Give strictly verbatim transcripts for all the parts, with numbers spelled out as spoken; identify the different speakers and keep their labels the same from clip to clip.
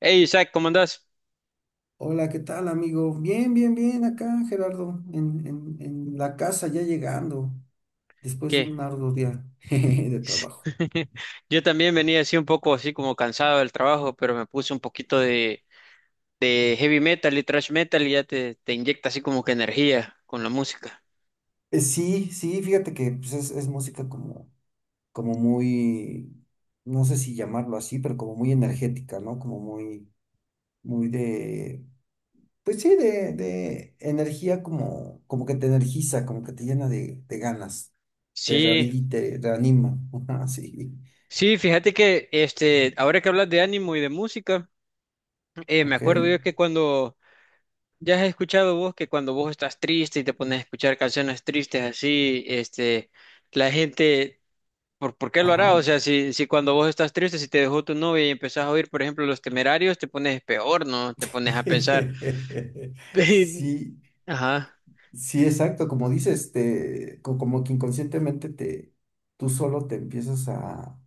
Speaker 1: Hey Isaac, ¿cómo andás?
Speaker 2: Hola, ¿qué tal, amigo? Bien, bien, bien, acá, Gerardo, en, en, en la casa ya llegando, después de
Speaker 1: ¿Qué?
Speaker 2: un arduo día jeje, de trabajo.
Speaker 1: Yo también venía así un poco así como cansado del trabajo, pero me puse un poquito de, de heavy metal y thrash metal y ya te, te inyecta así como que energía con la música.
Speaker 2: Eh, Sí, sí, fíjate que pues, es, es música como, como muy, no sé si llamarlo así, pero como muy energética, ¿no? Como muy, muy de, pues sí, de, de energía como, como que te energiza, como que te llena de, de ganas, te
Speaker 1: Sí,
Speaker 2: rehabilita, te reanima, ajá, sí,
Speaker 1: sí, fíjate que este, ahora que hablas de ánimo y de música, eh, me
Speaker 2: ok,
Speaker 1: acuerdo yo que cuando ya has escuchado vos que cuando vos estás triste y te pones a escuchar canciones tristes así, este, la gente ¿Por, por qué lo hará?
Speaker 2: ajá.
Speaker 1: O sea, si, si cuando vos estás triste, si te dejó tu novia y empezás a oír, por ejemplo, Los Temerarios, te pones peor, ¿no? Te pones a pensar.
Speaker 2: Sí,
Speaker 1: Ajá.
Speaker 2: sí, exacto, como dices, te, co- como que inconscientemente te, tú solo te empiezas a,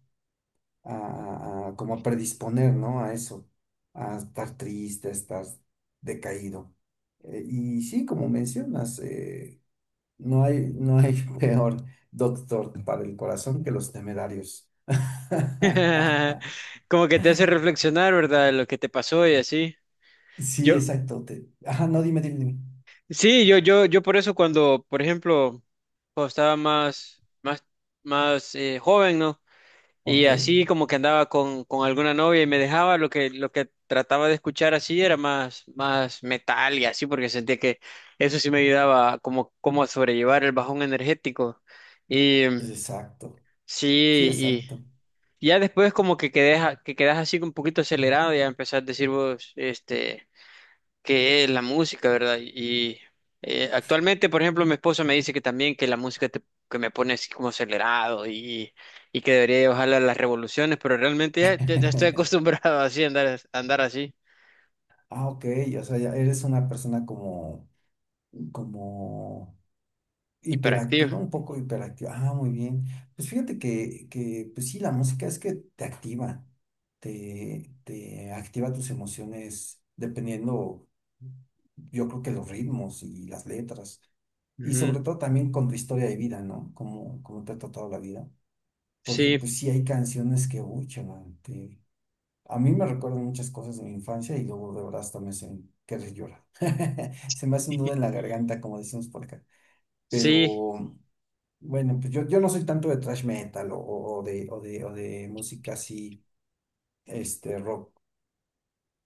Speaker 2: a- a- como a predisponer, ¿no? A eso, a estar triste, a estar decaído. Eh, y sí, como mencionas, eh, no hay, no hay peor doctor para el corazón que los temerarios.
Speaker 1: Como que te hace reflexionar, ¿verdad? Lo que te pasó y así.
Speaker 2: Sí,
Speaker 1: Yo,
Speaker 2: exacto. te- ajá, no, dime, dime, dime.
Speaker 1: sí, yo, yo, yo por eso cuando, por ejemplo, cuando estaba más, más, más eh, joven, ¿no? Y
Speaker 2: Ok,
Speaker 1: así como que andaba con, con alguna novia y me dejaba, lo que, lo que trataba de escuchar así era más, más metal y así, porque sentía que eso sí me ayudaba como, como a sobrellevar el bajón energético. Y mm,
Speaker 2: exacto. Sí,
Speaker 1: sí, y
Speaker 2: exacto.
Speaker 1: ya después como que quedé, a- que quedas así un poquito acelerado, ya empezás a decir vos, este que es la música, ¿verdad? Y eh, actualmente, por ejemplo, mi esposa me dice que también que la música te- que me pone así como acelerado y, y que debería bajarle las revoluciones, pero realmente ya, ya- ya estoy acostumbrado así a andar, a andar así,
Speaker 2: Ah, ok, o sea, ya eres una persona como, como
Speaker 1: hiperactivo.
Speaker 2: hiperactiva, un poco hiperactiva. Ah, muy bien. Pues fíjate que, que, pues sí, la música es que te activa, te, te activa tus emociones dependiendo, yo creo que los ritmos y las letras. Y
Speaker 1: Ujú.
Speaker 2: sobre todo también con tu historia de vida, ¿no? Como, como te ha tratado la vida. Porque
Speaker 1: Sí,
Speaker 2: pues sí hay canciones que, uy, chaval, a mí me recuerda muchas cosas de mi infancia y luego de verdad hasta me hacen querer llorar. Se me hace un nudo en la garganta, como decimos por acá.
Speaker 1: sí.
Speaker 2: Pero bueno, pues yo, yo no soy tanto de thrash metal o, o- o de, o de, o de música así, este rock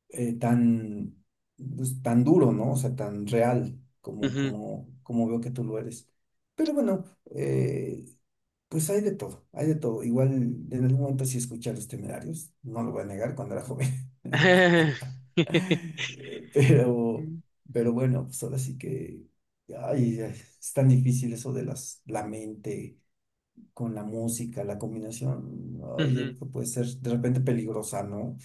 Speaker 2: eh, tan, pues, tan duro, ¿no? O sea, tan real como,
Speaker 1: Ujú.
Speaker 2: como, como veo que tú lo eres. Pero bueno, eh, pues hay de todo, hay de todo. Igual en algún momento sí escuché a Los Temerarios, no lo voy a negar, cuando era joven. Eh, Pero, pero bueno, pues ahora sí que ay, ay, es tan difícil eso de las, la mente con la música, la combinación. Ay, yo
Speaker 1: Ujú.
Speaker 2: creo que puede ser de repente peligrosa, ¿no?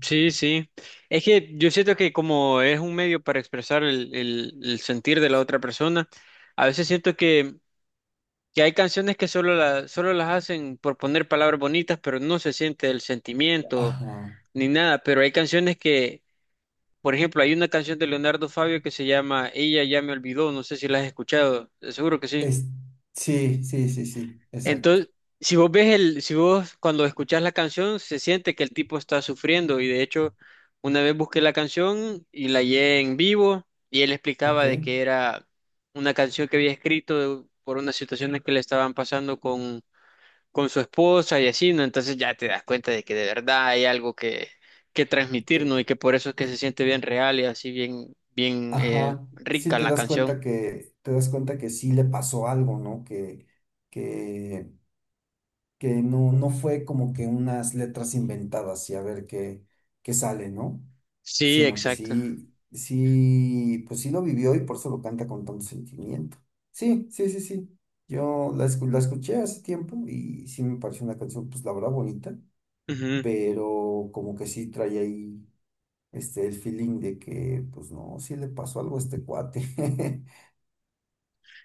Speaker 1: Sí, sí. Es que yo siento que como es un medio para expresar el, el- el sentir de la otra persona, a veces siento que que hay canciones que solo, la- solo las hacen por poner palabras bonitas, pero no se siente el sentimiento
Speaker 2: Ajá.
Speaker 1: ni nada, pero hay canciones que, por ejemplo, hay una canción de Leonardo Fabio que se llama Ella ya me olvidó, no sé si la has escuchado, seguro que sí.
Speaker 2: Es, sí, sí, sí, sí, exacto.
Speaker 1: Entonces, si vos ves el, si vos cuando escuchás la canción se siente que el tipo está sufriendo y de hecho una vez busqué la canción y la hallé en vivo y él explicaba
Speaker 2: Ok.
Speaker 1: de que era una canción que había escrito por unas situaciones que le estaban pasando con su esposa y así, ¿no? Entonces ya te das cuenta de que de verdad hay algo que, que
Speaker 2: Que,
Speaker 1: transmitir, ¿no? Y que por eso es que se siente bien real y así bien, bien eh,
Speaker 2: ajá. Sí
Speaker 1: rica
Speaker 2: te
Speaker 1: la
Speaker 2: das
Speaker 1: canción.
Speaker 2: cuenta que, te das cuenta que sí le pasó algo, ¿no? Que, que que no, no fue como que unas letras inventadas y a ver qué, qué sale, ¿no?
Speaker 1: Sí,
Speaker 2: Sino que
Speaker 1: exacto.
Speaker 2: sí, sí, pues sí lo vivió y por eso lo canta con tanto sentimiento. Sí, sí, sí, sí. Yo la, escu- la escuché hace tiempo y sí me pareció una canción, pues la verdad bonita,
Speaker 1: Ujú.
Speaker 2: pero como que sí trae ahí este, el feeling de que, pues no, sí le pasó algo a este cuate.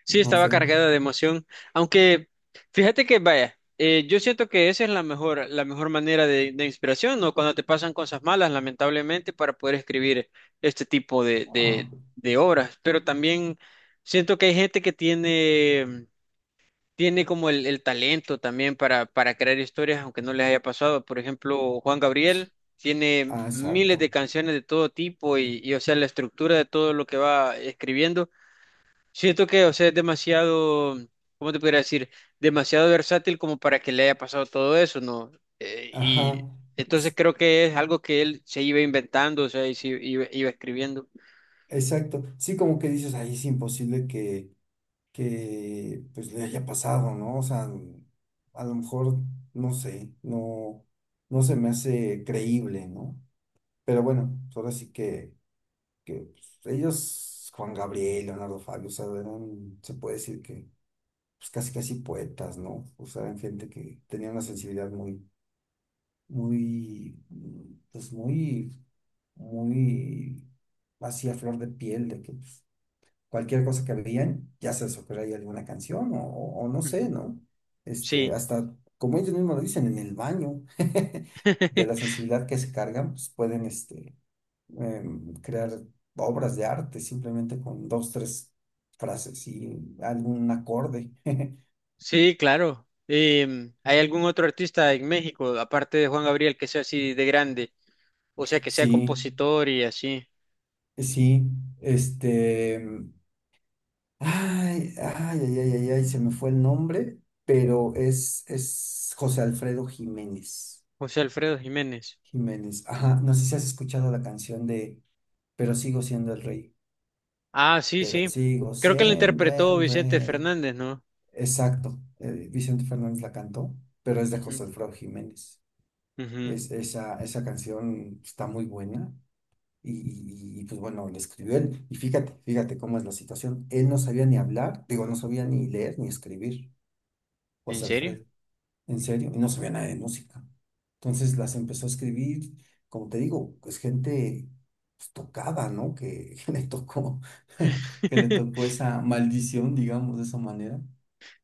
Speaker 1: Sí,
Speaker 2: No
Speaker 1: estaba
Speaker 2: sé.
Speaker 1: cargada de emoción, aunque fíjate que vaya, eh, yo siento que esa es la mejor, la mejor manera de, de inspiración, ¿no? Cuando te pasan cosas malas, lamentablemente, para poder escribir este tipo de,
Speaker 2: Ah,
Speaker 1: de, de obras, pero también siento que hay gente que tiene tiene como el, el talento también para, para crear historias, aunque no les haya pasado. Por ejemplo, Juan Gabriel tiene
Speaker 2: ah,
Speaker 1: miles
Speaker 2: exacto.
Speaker 1: de canciones de todo tipo y, y, o sea, la estructura de todo lo que va escribiendo. Siento que, o sea, es demasiado, ¿cómo te podría decir? Demasiado versátil como para que le haya pasado todo eso, ¿no? Eh,
Speaker 2: Ajá.
Speaker 1: y entonces creo que es algo que él se iba inventando, o sea, y se iba, iba escribiendo.
Speaker 2: Exacto. Sí, como que dices, ahí es imposible que, que pues le haya pasado, ¿no? O sea, a lo mejor, no sé, no, no se me hace creíble, ¿no? Pero bueno, pues ahora sí que, que pues, ellos, Juan Gabriel, Leonardo Fabio, o sea, eran, se puede decir que, pues casi casi poetas, ¿no? O sea, eran gente que tenía una sensibilidad muy, muy, mm, pues muy, muy así a flor de piel, de que pues, cualquier cosa que veían, ya se les ocurría ahí alguna canción o, o- o no sé,
Speaker 1: Ujú.
Speaker 2: ¿no? Este,
Speaker 1: Sí.
Speaker 2: hasta, como ellos mismos lo dicen, en el baño, de la sensibilidad que se cargan, pues pueden este, em, crear obras de arte simplemente con dos, tres frases y algún acorde.
Speaker 1: Sí, claro. Em, ¿hay algún otro artista en México, aparte de Juan Gabriel, que sea así de grande? O sea, que sea
Speaker 2: Sí,
Speaker 1: compositor y así.
Speaker 2: sí, este... em, ay, ay, ay, ay, ay, ay, se me fue el nombre, pero es, es José Alfredo Jiménez.
Speaker 1: José Alfredo Jiménez.
Speaker 2: Jiménez. Ajá, no sé si has escuchado la canción de pero sigo siendo el rey,
Speaker 1: Ah, sí,
Speaker 2: pero
Speaker 1: sí.
Speaker 2: sigo
Speaker 1: Creo que lo
Speaker 2: siendo
Speaker 1: interpretó
Speaker 2: el
Speaker 1: Vicente
Speaker 2: rey.
Speaker 1: Fernández, ¿no?
Speaker 2: Exacto, eh, Vicente Fernández la cantó, pero es de
Speaker 1: Ujú,
Speaker 2: José Alfredo Jiménez.
Speaker 1: ujú.
Speaker 2: Es, esa, esa canción está muy buena y, y- y, pues bueno, la escribió él. Y fíjate, fíjate cómo es la situación. Él no sabía ni hablar, digo, no sabía ni leer ni escribir,
Speaker 1: ¿En
Speaker 2: José
Speaker 1: serio?
Speaker 2: Alfredo. En serio, y no sabía nada de música. Entonces las empezó a escribir, como te digo, pues gente pues, tocada, ¿no? Que, que le tocó, que le tocó esa maldición, digamos, de esa manera.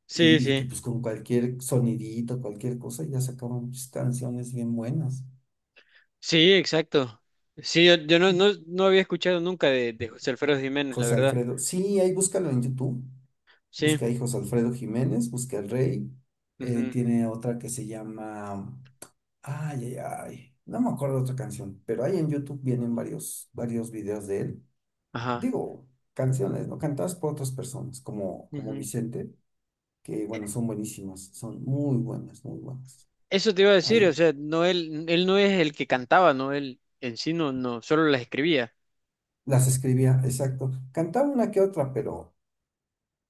Speaker 1: Sí,
Speaker 2: Y, y que
Speaker 1: sí.
Speaker 2: pues con cualquier sonidito, cualquier cosa, ya sacaban pues, canciones bien buenas.
Speaker 1: Sí, exacto. Sí, yo, yo no, no, no había escuchado nunca de, de José Alfredo Jiménez, la
Speaker 2: José
Speaker 1: verdad.
Speaker 2: Alfredo, sí, ahí búscalo en YouTube.
Speaker 1: Sí.
Speaker 2: Busca ahí José Alfredo Jiménez, busca El Rey. Eh,
Speaker 1: Ujú.
Speaker 2: tiene otra que se llama ay, ay, ay. No me acuerdo otra canción, pero ahí en YouTube vienen varios, varios videos de él.
Speaker 1: Ajá.
Speaker 2: Digo, canciones, ¿no? Cantadas por otras personas, como, como
Speaker 1: Ujú.
Speaker 2: Vicente, que bueno, son buenísimas, son muy buenas, muy buenas.
Speaker 1: Eso te iba a decir, o
Speaker 2: Ahí
Speaker 1: sea, no él, él no es el que cantaba, no él en sí no, no, solo las escribía.
Speaker 2: las escribía, exacto. Cantaba una que otra, pero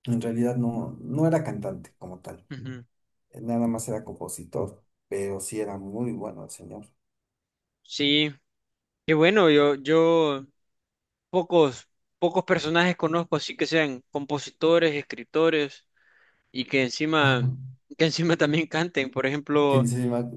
Speaker 2: en realidad no, no era cantante como tal.
Speaker 1: Ujú.
Speaker 2: Nada más era compositor, pero sí era muy bueno el señor.
Speaker 1: Sí, y bueno, yo, yo pocos, pocos personajes conozco así que sean compositores, escritores y que encima,
Speaker 2: Ajá.
Speaker 1: que encima también canten. Por
Speaker 2: ¿Quién
Speaker 1: ejemplo,
Speaker 2: se llama?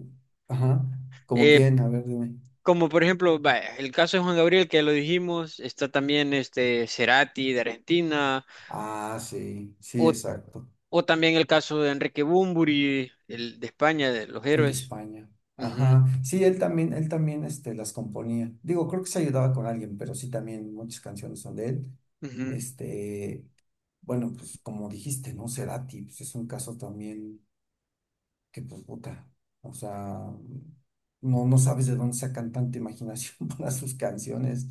Speaker 2: Ajá. ¿Como
Speaker 1: eh,
Speaker 2: quién? A ver, dime.
Speaker 1: como por ejemplo, vaya, el caso de Juan Gabriel, que ya lo dijimos, está también este Cerati de Argentina,
Speaker 2: Ah, sí, sí,
Speaker 1: o,
Speaker 2: exacto.
Speaker 1: o también el caso de Enrique Bunbury, el de España, de los
Speaker 2: El de
Speaker 1: héroes.
Speaker 2: España.
Speaker 1: Ujú,
Speaker 2: Ajá. Sí, él también, él también este, las componía. Digo, creo que se ayudaba con alguien, pero sí también muchas canciones son de él.
Speaker 1: ujú.
Speaker 2: Este, bueno, pues como dijiste, ¿no? Cerati, pues es un caso también que, pues, puta, o sea, no, no sabes de dónde sacan tanta imaginación para sus canciones.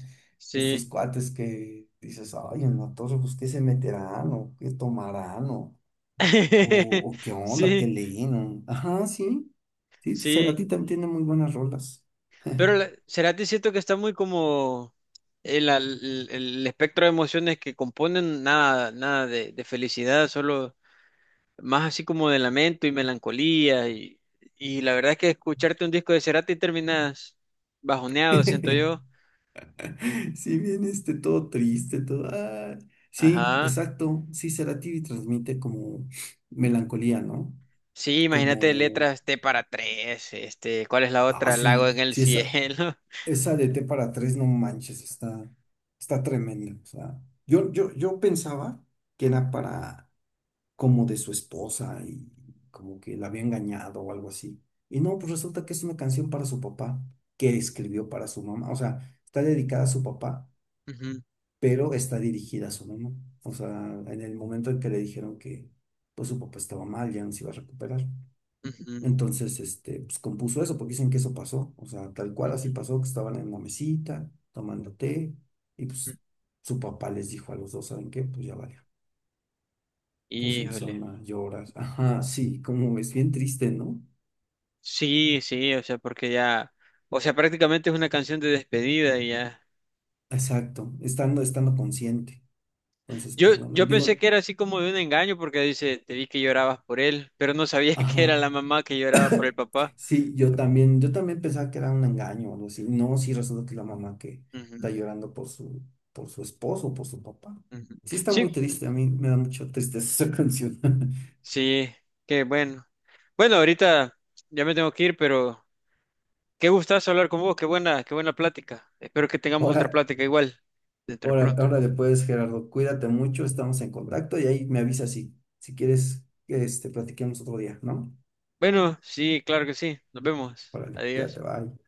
Speaker 2: Estos
Speaker 1: Sí,
Speaker 2: cuates que dices, ay, en la torre, pues, ¿qué se meterán o qué tomarán o, o qué onda, qué
Speaker 1: sí,
Speaker 2: Lennon. Ajá, sí. Sí,
Speaker 1: sí,
Speaker 2: Cerati también tiene muy buenas rolas.
Speaker 1: pero la- Cerati siento que está muy como en la- el, el espectro de emociones que componen, nada, nada de, de felicidad, solo más así como de lamento y melancolía y, y la verdad es que escucharte un disco de Cerati terminas bajoneado, siento yo.
Speaker 2: Si bien este todo triste, todo. Ah, sí,
Speaker 1: Ajá.
Speaker 2: exacto. Sí, Cerati transmite como melancolía, ¿no?
Speaker 1: Sí, imagínate
Speaker 2: Como.
Speaker 1: letras T para tres, este, ¿cuál es la
Speaker 2: Ah,
Speaker 1: otra? Lago
Speaker 2: sí,
Speaker 1: en el
Speaker 2: sí, esa,
Speaker 1: cielo.
Speaker 2: esa de T para tres, no manches, está, está tremenda. O sea, yo, yo, yo pensaba que era para. Como de su esposa y como que la había engañado o algo así. Y no, pues resulta que es una canción para su papá que escribió para su mamá. O sea, está dedicada a su papá,
Speaker 1: Ujú,
Speaker 2: pero está dirigida a su mamá. O sea, en el momento en que le dijeron que pues su papá estaba mal, ya no se iba a recuperar.
Speaker 1: ujú,
Speaker 2: Entonces, este, pues compuso eso, porque dicen que eso pasó. O sea, tal cual así
Speaker 1: ujú,
Speaker 2: pasó, que estaban en la mesita, tomando té, y
Speaker 1: ujú.
Speaker 2: pues su papá les dijo a los dos, ¿saben qué? Pues ya valió. Todos
Speaker 1: Híjole.
Speaker 2: empezaron a llorar. Ajá, sí, como es bien triste, ¿no?
Speaker 1: Sí, sí, o sea, porque ya, o sea, prácticamente es una canción de despedida y ya.
Speaker 2: Exacto, estando, estando consciente. Entonces,
Speaker 1: Yo,
Speaker 2: pues bueno,
Speaker 1: yo pensé
Speaker 2: digo,
Speaker 1: que era así como de un engaño porque dice, te vi que llorabas por él, pero no sabía que era
Speaker 2: ajá,
Speaker 1: la mamá que lloraba por el papá.
Speaker 2: sí, yo también, yo también pensaba que era un engaño o algo así. No, sí, resulta que la mamá que está
Speaker 1: Ujú,
Speaker 2: llorando por su, por su esposo, por su papá.
Speaker 1: ujú.
Speaker 2: Sí, está muy
Speaker 1: Sí,
Speaker 2: triste, a mí me da mucho tristeza esa canción.
Speaker 1: sí, qué bueno. Bueno, ahorita ya me tengo que ir, pero qué gustazo hablar con vos, qué buena, qué buena plática. Espero que tengamos otra
Speaker 2: Ahora,
Speaker 1: plática igual dentro de
Speaker 2: ahora,
Speaker 1: pronto.
Speaker 2: ahora después, Gerardo, cuídate mucho, estamos en contacto y ahí me avisas si, si quieres que este, platiquemos otro día, ¿no?
Speaker 1: Bueno, sí, claro que sí. Nos vemos.
Speaker 2: Órale,
Speaker 1: Adiós.
Speaker 2: cuídate, bye.